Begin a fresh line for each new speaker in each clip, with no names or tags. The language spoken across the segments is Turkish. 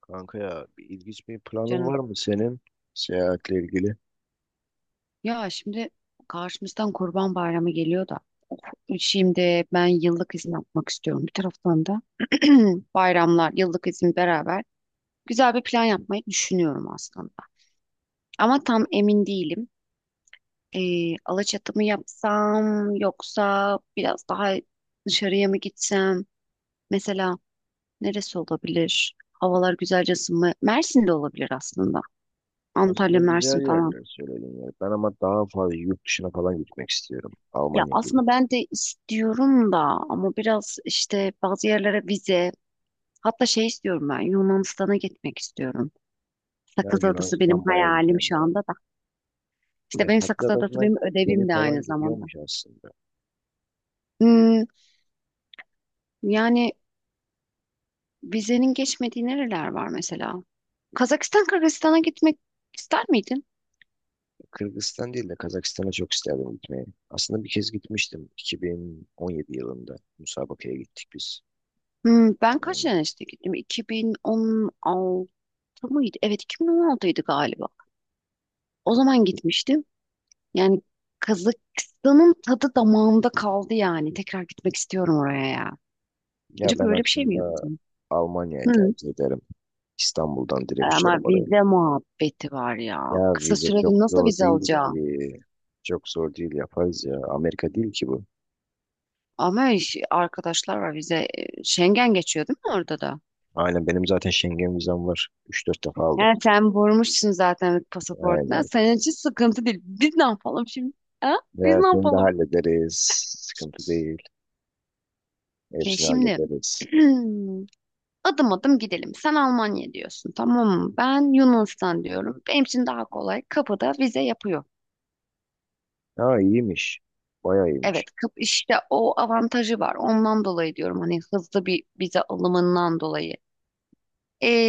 Kanka ya bir ilginç bir planın
Canım,
var mı senin seyahatle ilgili?
şimdi karşımızdan Kurban Bayramı geliyor da of, şimdi ben yıllık izin yapmak istiyorum. Bir taraftan da bayramlar, yıllık izin beraber güzel bir plan yapmayı düşünüyorum aslında. Ama tam emin değilim. Alaçatı mı yapsam yoksa biraz daha dışarıya mı gitsem? Mesela neresi olabilir? Havalar güzelce ısınma. Mersin'de olabilir aslında. Antalya,
Aslında güzel
Mersin falan.
yerler söyledin ya. Ben ama daha fazla yurt dışına falan gitmek istiyorum.
Ya
Almanya gibi.
aslında ben de istiyorum da ama biraz işte bazı yerlere vize, hatta şey istiyorum, ben Yunanistan'a gitmek istiyorum.
Ya
Sakız Adası benim
Yunanistan baya
hayalim
güzel
şu
ya.
anda da.
Ya
İşte benim Sakız
Sakız
Adası benim
gemi
ödevim de
falan
aynı zamanda.
gidiyormuş aslında.
Hmm, yani vizenin geçmediği nereler var mesela? Kazakistan, Kırgızistan'a gitmek ister miydin?
Kırgızistan değil de Kazakistan'a çok isterdim gitmeyi. Aslında bir kez gitmiştim 2017 yılında. Musabaka'ya gittik biz.
Hmm, ben kaç
Yani
sene işte gittim? 2016 mıydı? Evet, 2016'ydı galiba. O zaman gitmiştim. Yani Kazakistan'ın tadı damağımda kaldı yani. Tekrar gitmek istiyorum oraya ya.
Ya
Acaba
ben
öyle bir şey mi
aslında
yaptım?
Almanya'yı
Hı.
tercih ederim. İstanbul'dan direkt
Ama
uçarım oraya.
vize muhabbeti var ya.
Ya
Kısa
vize
sürede
çok
nasıl
zor
vize
değil
alacağım?
ki. Çok zor değil yaparız ya. Amerika değil ki bu.
Ama arkadaşlar var vize. Schengen geçiyor değil mi orada da?
Aynen, benim zaten Schengen vizem var. 3 4 defa aldım.
Yani sen vurmuşsun zaten pasaportuna.
Aynen.
Senin için sıkıntı değil. Biz ne yapalım şimdi? Ha? Biz
Ya
ne
seni de
yapalım?
hallederiz. Sıkıntı değil.
Ya
Hepsini
şimdi
hallederiz.
adım adım gidelim. Sen Almanya diyorsun, tamam mı? Ben Yunanistan diyorum. Benim için daha kolay. Kapıda vize yapıyor.
Ha iyiymiş. Bayağı iyiymiş.
Evet, kap işte o avantajı var. Ondan dolayı diyorum, hani hızlı bir vize alımından dolayı.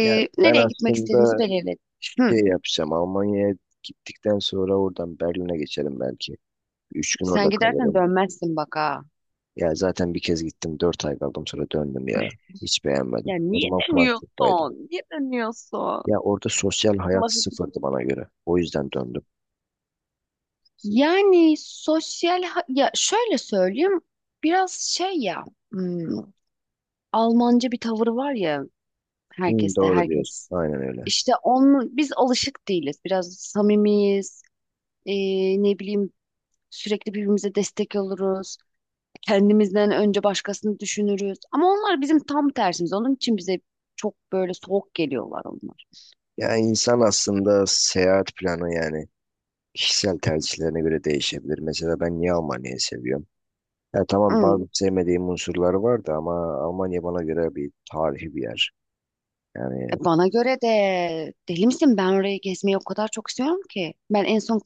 Ya ben
Nereye gitmek istediğimizi
aslında
belirledik. Hı,
şey yapacağım. Almanya'ya gittikten sonra oradan Berlin'e geçerim belki. 3 gün orada
sen gidersen
kalırım.
dönmezsin bak ha.
Ya zaten bir kez gittim. 4 ay kaldım sonra döndüm ya. Hiç beğenmedim.
Ya
O
niye
zaman Frankfurt'taydım.
dönüyorsun? Niye dönüyorsun?
Ya orada sosyal hayat
Allah'ım.
sıfırdı bana göre. O yüzden döndüm.
Yani ya şöyle söyleyeyim, biraz şey ya, hmm, Almanca bir tavır var ya
Hı,
herkeste,
doğru diyorsun.
herkes.
Aynen öyle.
İşte onun, biz alışık değiliz. Biraz samimiyiz. Ne bileyim, sürekli birbirimize destek oluruz. Kendimizden önce başkasını düşünürüz. Ama onlar bizim tam tersimiz. Onun için bize çok böyle soğuk geliyorlar onlar.
Yani insan aslında seyahat planı yani kişisel tercihlerine göre değişebilir. Mesela ben niye Almanya'yı seviyorum? Ya tamam
Hı.
bazı sevmediğim unsurları vardı ama Almanya bana göre bir tarihi bir yer. Yani
Bana göre de deli misin? Ben orayı gezmeyi o kadar çok istiyorum ki. Ben en son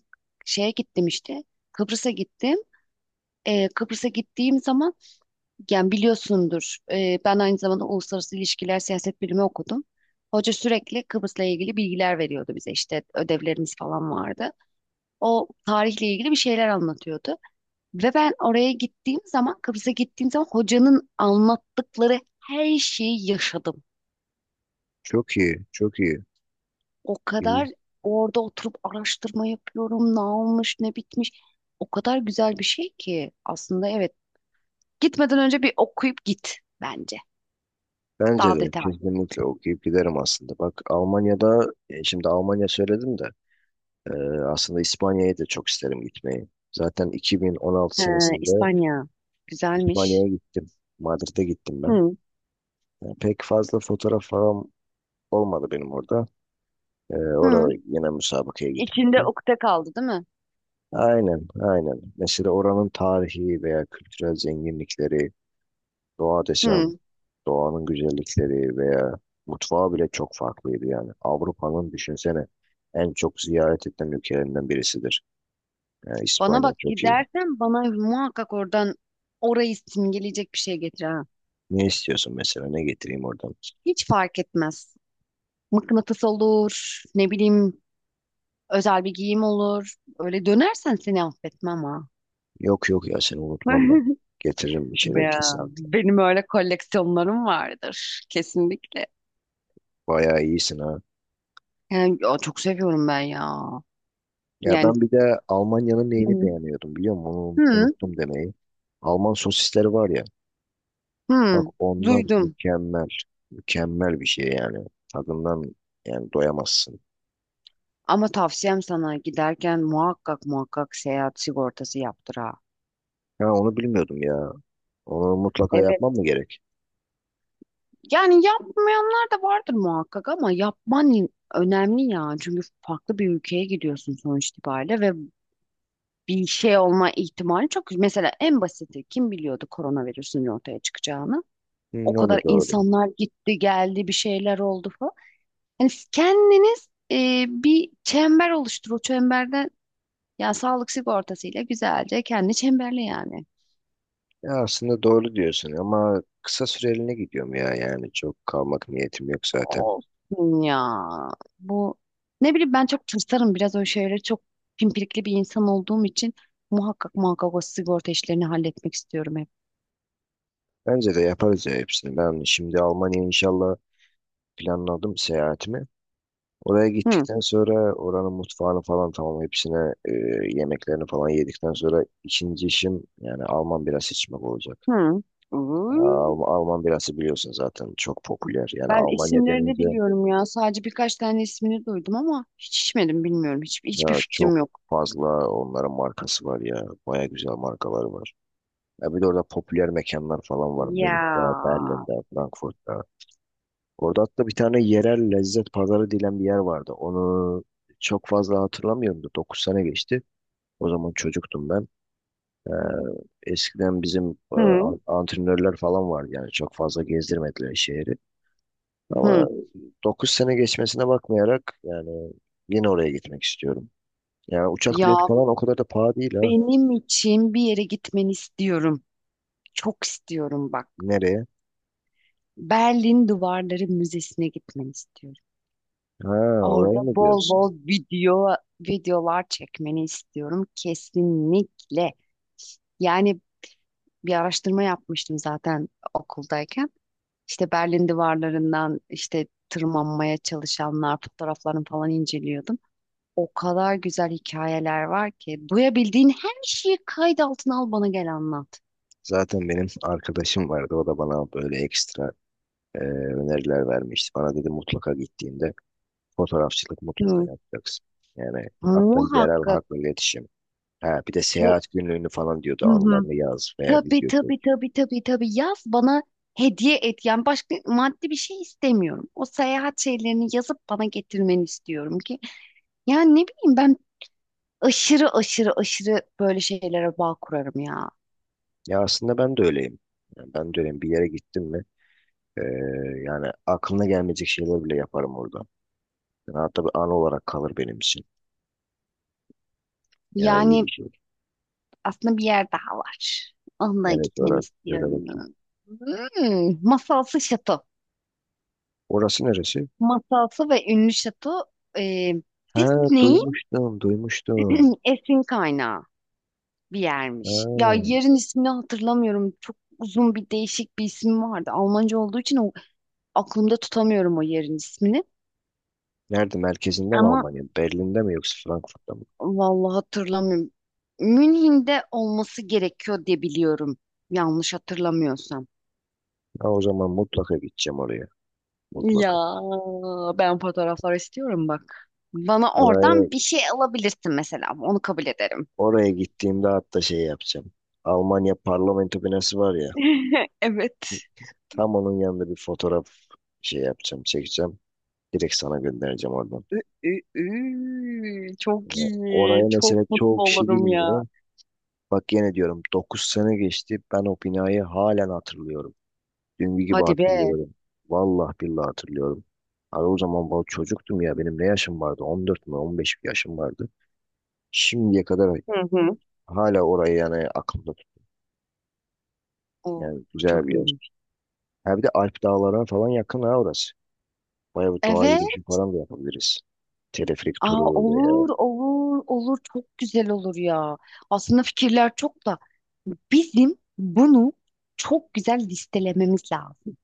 şeye gittim işte. Kıbrıs'a gittim. Kıbrıs'a gittiğim zaman, yani biliyorsundur, ben aynı zamanda uluslararası ilişkiler siyaset bilimi okudum. Hoca sürekli Kıbrıs'la ilgili bilgiler veriyordu bize, işte ödevlerimiz falan vardı. O tarihle ilgili bir şeyler anlatıyordu. Ve ben oraya gittiğim zaman, Kıbrıs'a gittiğim zaman, hocanın anlattıkları her şeyi yaşadım.
çok iyi, çok iyi.
O
İyi.
kadar orada oturup araştırma yapıyorum, ne olmuş, ne bitmiş. O kadar güzel bir şey ki aslında, evet. Gitmeden önce bir okuyup git bence.
Bence
Daha
de
detaylı.
kesinlikle okuyup giderim aslında. Bak Almanya'da, şimdi Almanya söyledim de e, aslında İspanya'ya da çok isterim gitmeyi. Zaten 2016
He,
senesinde
İspanya. Güzelmiş.
İspanya'ya gittim. Madrid'e gittim ben.
Hı.
Yani pek fazla fotoğraf falan olmadı benim orada.
Hı.
Orada yine müsabakaya
İçinde
gitmiştim.
ukde kaldı değil mi?
Aynen, aynen. Mesela oranın tarihi veya kültürel zenginlikleri, doğa desem,
Hı.
doğanın güzellikleri veya mutfağı bile çok farklıydı yani. Avrupa'nın düşünsene en çok ziyaret edilen ülkelerinden birisidir. Yani
Bana
İspanya
bak,
çok iyi.
gidersen bana muhakkak oradan orayı simgeleyecek bir şey getir ha.
Ne istiyorsun mesela? Ne getireyim oradan?
Hiç fark etmez. Mıknatıs olur, ne bileyim özel bir giyim olur. Öyle dönersen seni affetmem ha.
Yok yok ya, seni unutmam ben. Getiririm bir şeyler
Ya,
kesinlikle.
benim öyle koleksiyonlarım vardır kesinlikle.
Bayağı iyisin ha.
Yani, ya, çok seviyorum ben ya.
Ya
Yani,
ben bir de Almanya'nın neyini
hı,
beğeniyordum biliyor musun? Onu
hı,
unuttum demeyi. Alman sosisleri var ya. Bak
hı,
onlar
duydum.
mükemmel. Mükemmel bir şey yani. Tadından yani doyamazsın.
Ama tavsiyem sana, giderken muhakkak muhakkak seyahat sigortası yaptır ha.
Ha onu bilmiyordum ya. Onu mutlaka
Evet.
yapmam mı gerek?
Yani yapmayanlar da vardır muhakkak, ama yapman önemli ya. Çünkü farklı bir ülkeye gidiyorsun sonuç itibariyle ve bir şey olma ihtimali çok. Mesela en basiti, kim biliyordu koronavirüsün ortaya çıkacağını?
Hı,
O
ne olur
kadar
doğru.
insanlar gitti geldi, bir şeyler oldu falan. Yani siz kendiniz bir çember oluştur. O çemberde ya sağlık sigortasıyla güzelce kendi çemberli yani.
Ya aslında doğru diyorsun ama kısa süreliğine gidiyorum ya, yani çok kalmak niyetim yok zaten.
Olsun ya. Bu, ne bileyim, ben çok tırsarım, biraz o şeyleri, çok pimpirikli bir insan olduğum için muhakkak muhakkak o sigorta işlerini halletmek istiyorum hep.
Bence de yaparız ya hepsini. Ben şimdi Almanya'ya inşallah planladım seyahatimi. Oraya
Hı,
gittikten sonra oranın mutfağını falan tamam hepsine e, yemeklerini falan yedikten sonra ikinci işim yani Alman birası içmek olacak.
hı.
Ya,
Uuu.
Alman birası biliyorsun zaten çok popüler. Yani
Ben
Almanya
isimlerini
denince
biliyorum ya. Sadece birkaç tane ismini duydum ama hiç içmedim, bilmiyorum. Hiç, hiçbir
ya çok
fikrim yok.
fazla onların markası var ya. Baya güzel markaları var. Ya bir de orada popüler mekanlar falan var.
Ya.
Münih'te, Berlin'de, Frankfurt'ta. Orada hatta bir tane yerel lezzet pazarı dilen bir yer vardı. Onu çok fazla hatırlamıyorum da 9 sene geçti. O zaman çocuktum ben. Ee, Eskiden bizim
Hı.
antrenörler falan vardı yani çok fazla gezdirmediler şehri. Ama
Hı.
9 sene geçmesine bakmayarak yani yine oraya gitmek istiyorum. Yani uçak bileti
Ya,
falan o kadar da pahalı değil ha.
benim için bir yere gitmeni istiyorum. Çok istiyorum bak.
Nereye?
Berlin Duvarları Müzesi'ne gitmeni istiyorum.
Ha oraya
Orada
mı
bol
diyorsun?
bol videolar çekmeni istiyorum kesinlikle. Yani bir araştırma yapmıştım zaten okuldayken. İşte Berlin duvarlarından işte tırmanmaya çalışanlar fotoğraflarını falan inceliyordum. O kadar güzel hikayeler var ki duyabildiğin her şeyi kayıt altına al, bana gel anlat.
Zaten benim arkadaşım vardı, o da bana böyle ekstra e, öneriler vermişti. Bana dedi mutlaka gittiğinde fotoğrafçılık mutlaka
Hı.
yapacaksın. Yani hatta yerel
Muhakkak
halkla iletişim. Ha, bir de
bu,
seyahat günlüğünü falan diyordu,
hı hı.
anılarını yaz veya
Tabii
video.
tabii tabii tabii tabii, yaz bana, hediye et. Yani başka maddi bir şey istemiyorum. O seyahat şeylerini yazıp bana getirmeni istiyorum ki. Yani ne bileyim ben, aşırı aşırı aşırı böyle şeylere bağ kurarım ya.
Ya aslında ben de öyleyim. Yani ben de öyleyim. Bir yere gittim mi e, yani aklına gelmeyecek şeyler bile yaparım orada. Yani hatta bir an olarak kalır benim için. Yani iyi
Yani
bir şey.
aslında bir yer daha var. Onunla
Neresi
gitmeni
orası? Söyle bakayım.
istiyorum. Hmm, masalsı şato.
Orası neresi?
Masalsı ve ünlü şato, e,
Ha
Disney'in
duymuştum, duymuştum.
esin kaynağı bir yermiş. Ya
Ha.
yerin ismini hatırlamıyorum. Çok uzun bir değişik bir isim vardı. Almanca olduğu için o, aklımda tutamıyorum o yerin ismini.
Nerede? Merkezinde mi
Ama
Almanya? Berlin'de mi yoksa Frankfurt'ta mı?
vallahi hatırlamıyorum. Münih'de olması gerekiyor diye biliyorum. Yanlış hatırlamıyorsam.
Ha, o zaman mutlaka gideceğim oraya.
Ya,
Mutlaka.
ben fotoğraflar istiyorum bak. Bana
Oraya,
oradan bir şey alabilirsin mesela. Onu kabul ederim.
oraya gittiğimde hatta şey yapacağım. Almanya parlamento binası var ya.
Evet.
Tam onun yanında bir fotoğraf şey yapacağım, çekeceğim. Direkt sana göndereceğim oradan.
Ü- ü- ü.
Ee,
Çok iyi.
Oraya
Çok
mesela çoğu
mutlu
kişi
olurum ya.
bilmiyor. Bak yine diyorum 9 sene geçti. Ben o binayı halen hatırlıyorum. Dün gibi
Hadi be.
hatırlıyorum. Vallahi billahi hatırlıyorum. Abi o zaman ben çocuktum ya. Benim ne yaşım vardı? 14 mü 15 bir yaşım vardı. Şimdiye kadar
Hı hı.
hala orayı yani aklımda tut.
Oo,
Yani güzel
çok
bir yer.
iyiymiş.
Ha bir de Alp dağlarına falan yakın ha orası. Bayağı bir doğa
Evet.
yürüyüşü falan da yapabiliriz. Teleferik
Aa,
turu veya.
olur, olur, olur. Çok güzel olur ya. Aslında fikirler çok da, bizim bunu çok güzel listelememiz lazım.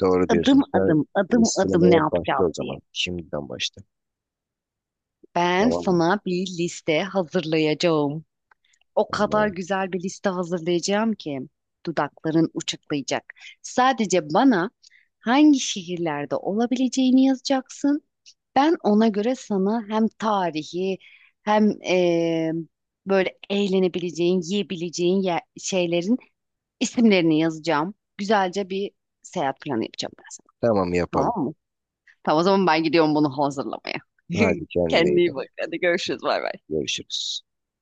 Doğru diyorsun.
Adım
Sen
adım, adım adım ne
listelemeye başla
yapacağız
o
diye.
zaman. Şimdiden başla.
Ben
Tamam mı?
sana bir liste hazırlayacağım. O kadar
Tamam.
güzel bir liste hazırlayacağım ki dudakların uçuklayacak. Sadece bana hangi şehirlerde olabileceğini yazacaksın. Ben ona göre sana hem tarihi hem böyle eğlenebileceğin, yiyebileceğin şeylerin isimlerini yazacağım. Güzelce bir seyahat planı yapacağım ben sana.
Tamam yapalım.
Tamam mı? Tamam, o zaman ben gidiyorum bunu hazırlamaya.
Hadi kendine iyi
Kendine iyi
bak.
bak. Hadi görüşürüz. Bay bay.
Görüşürüz.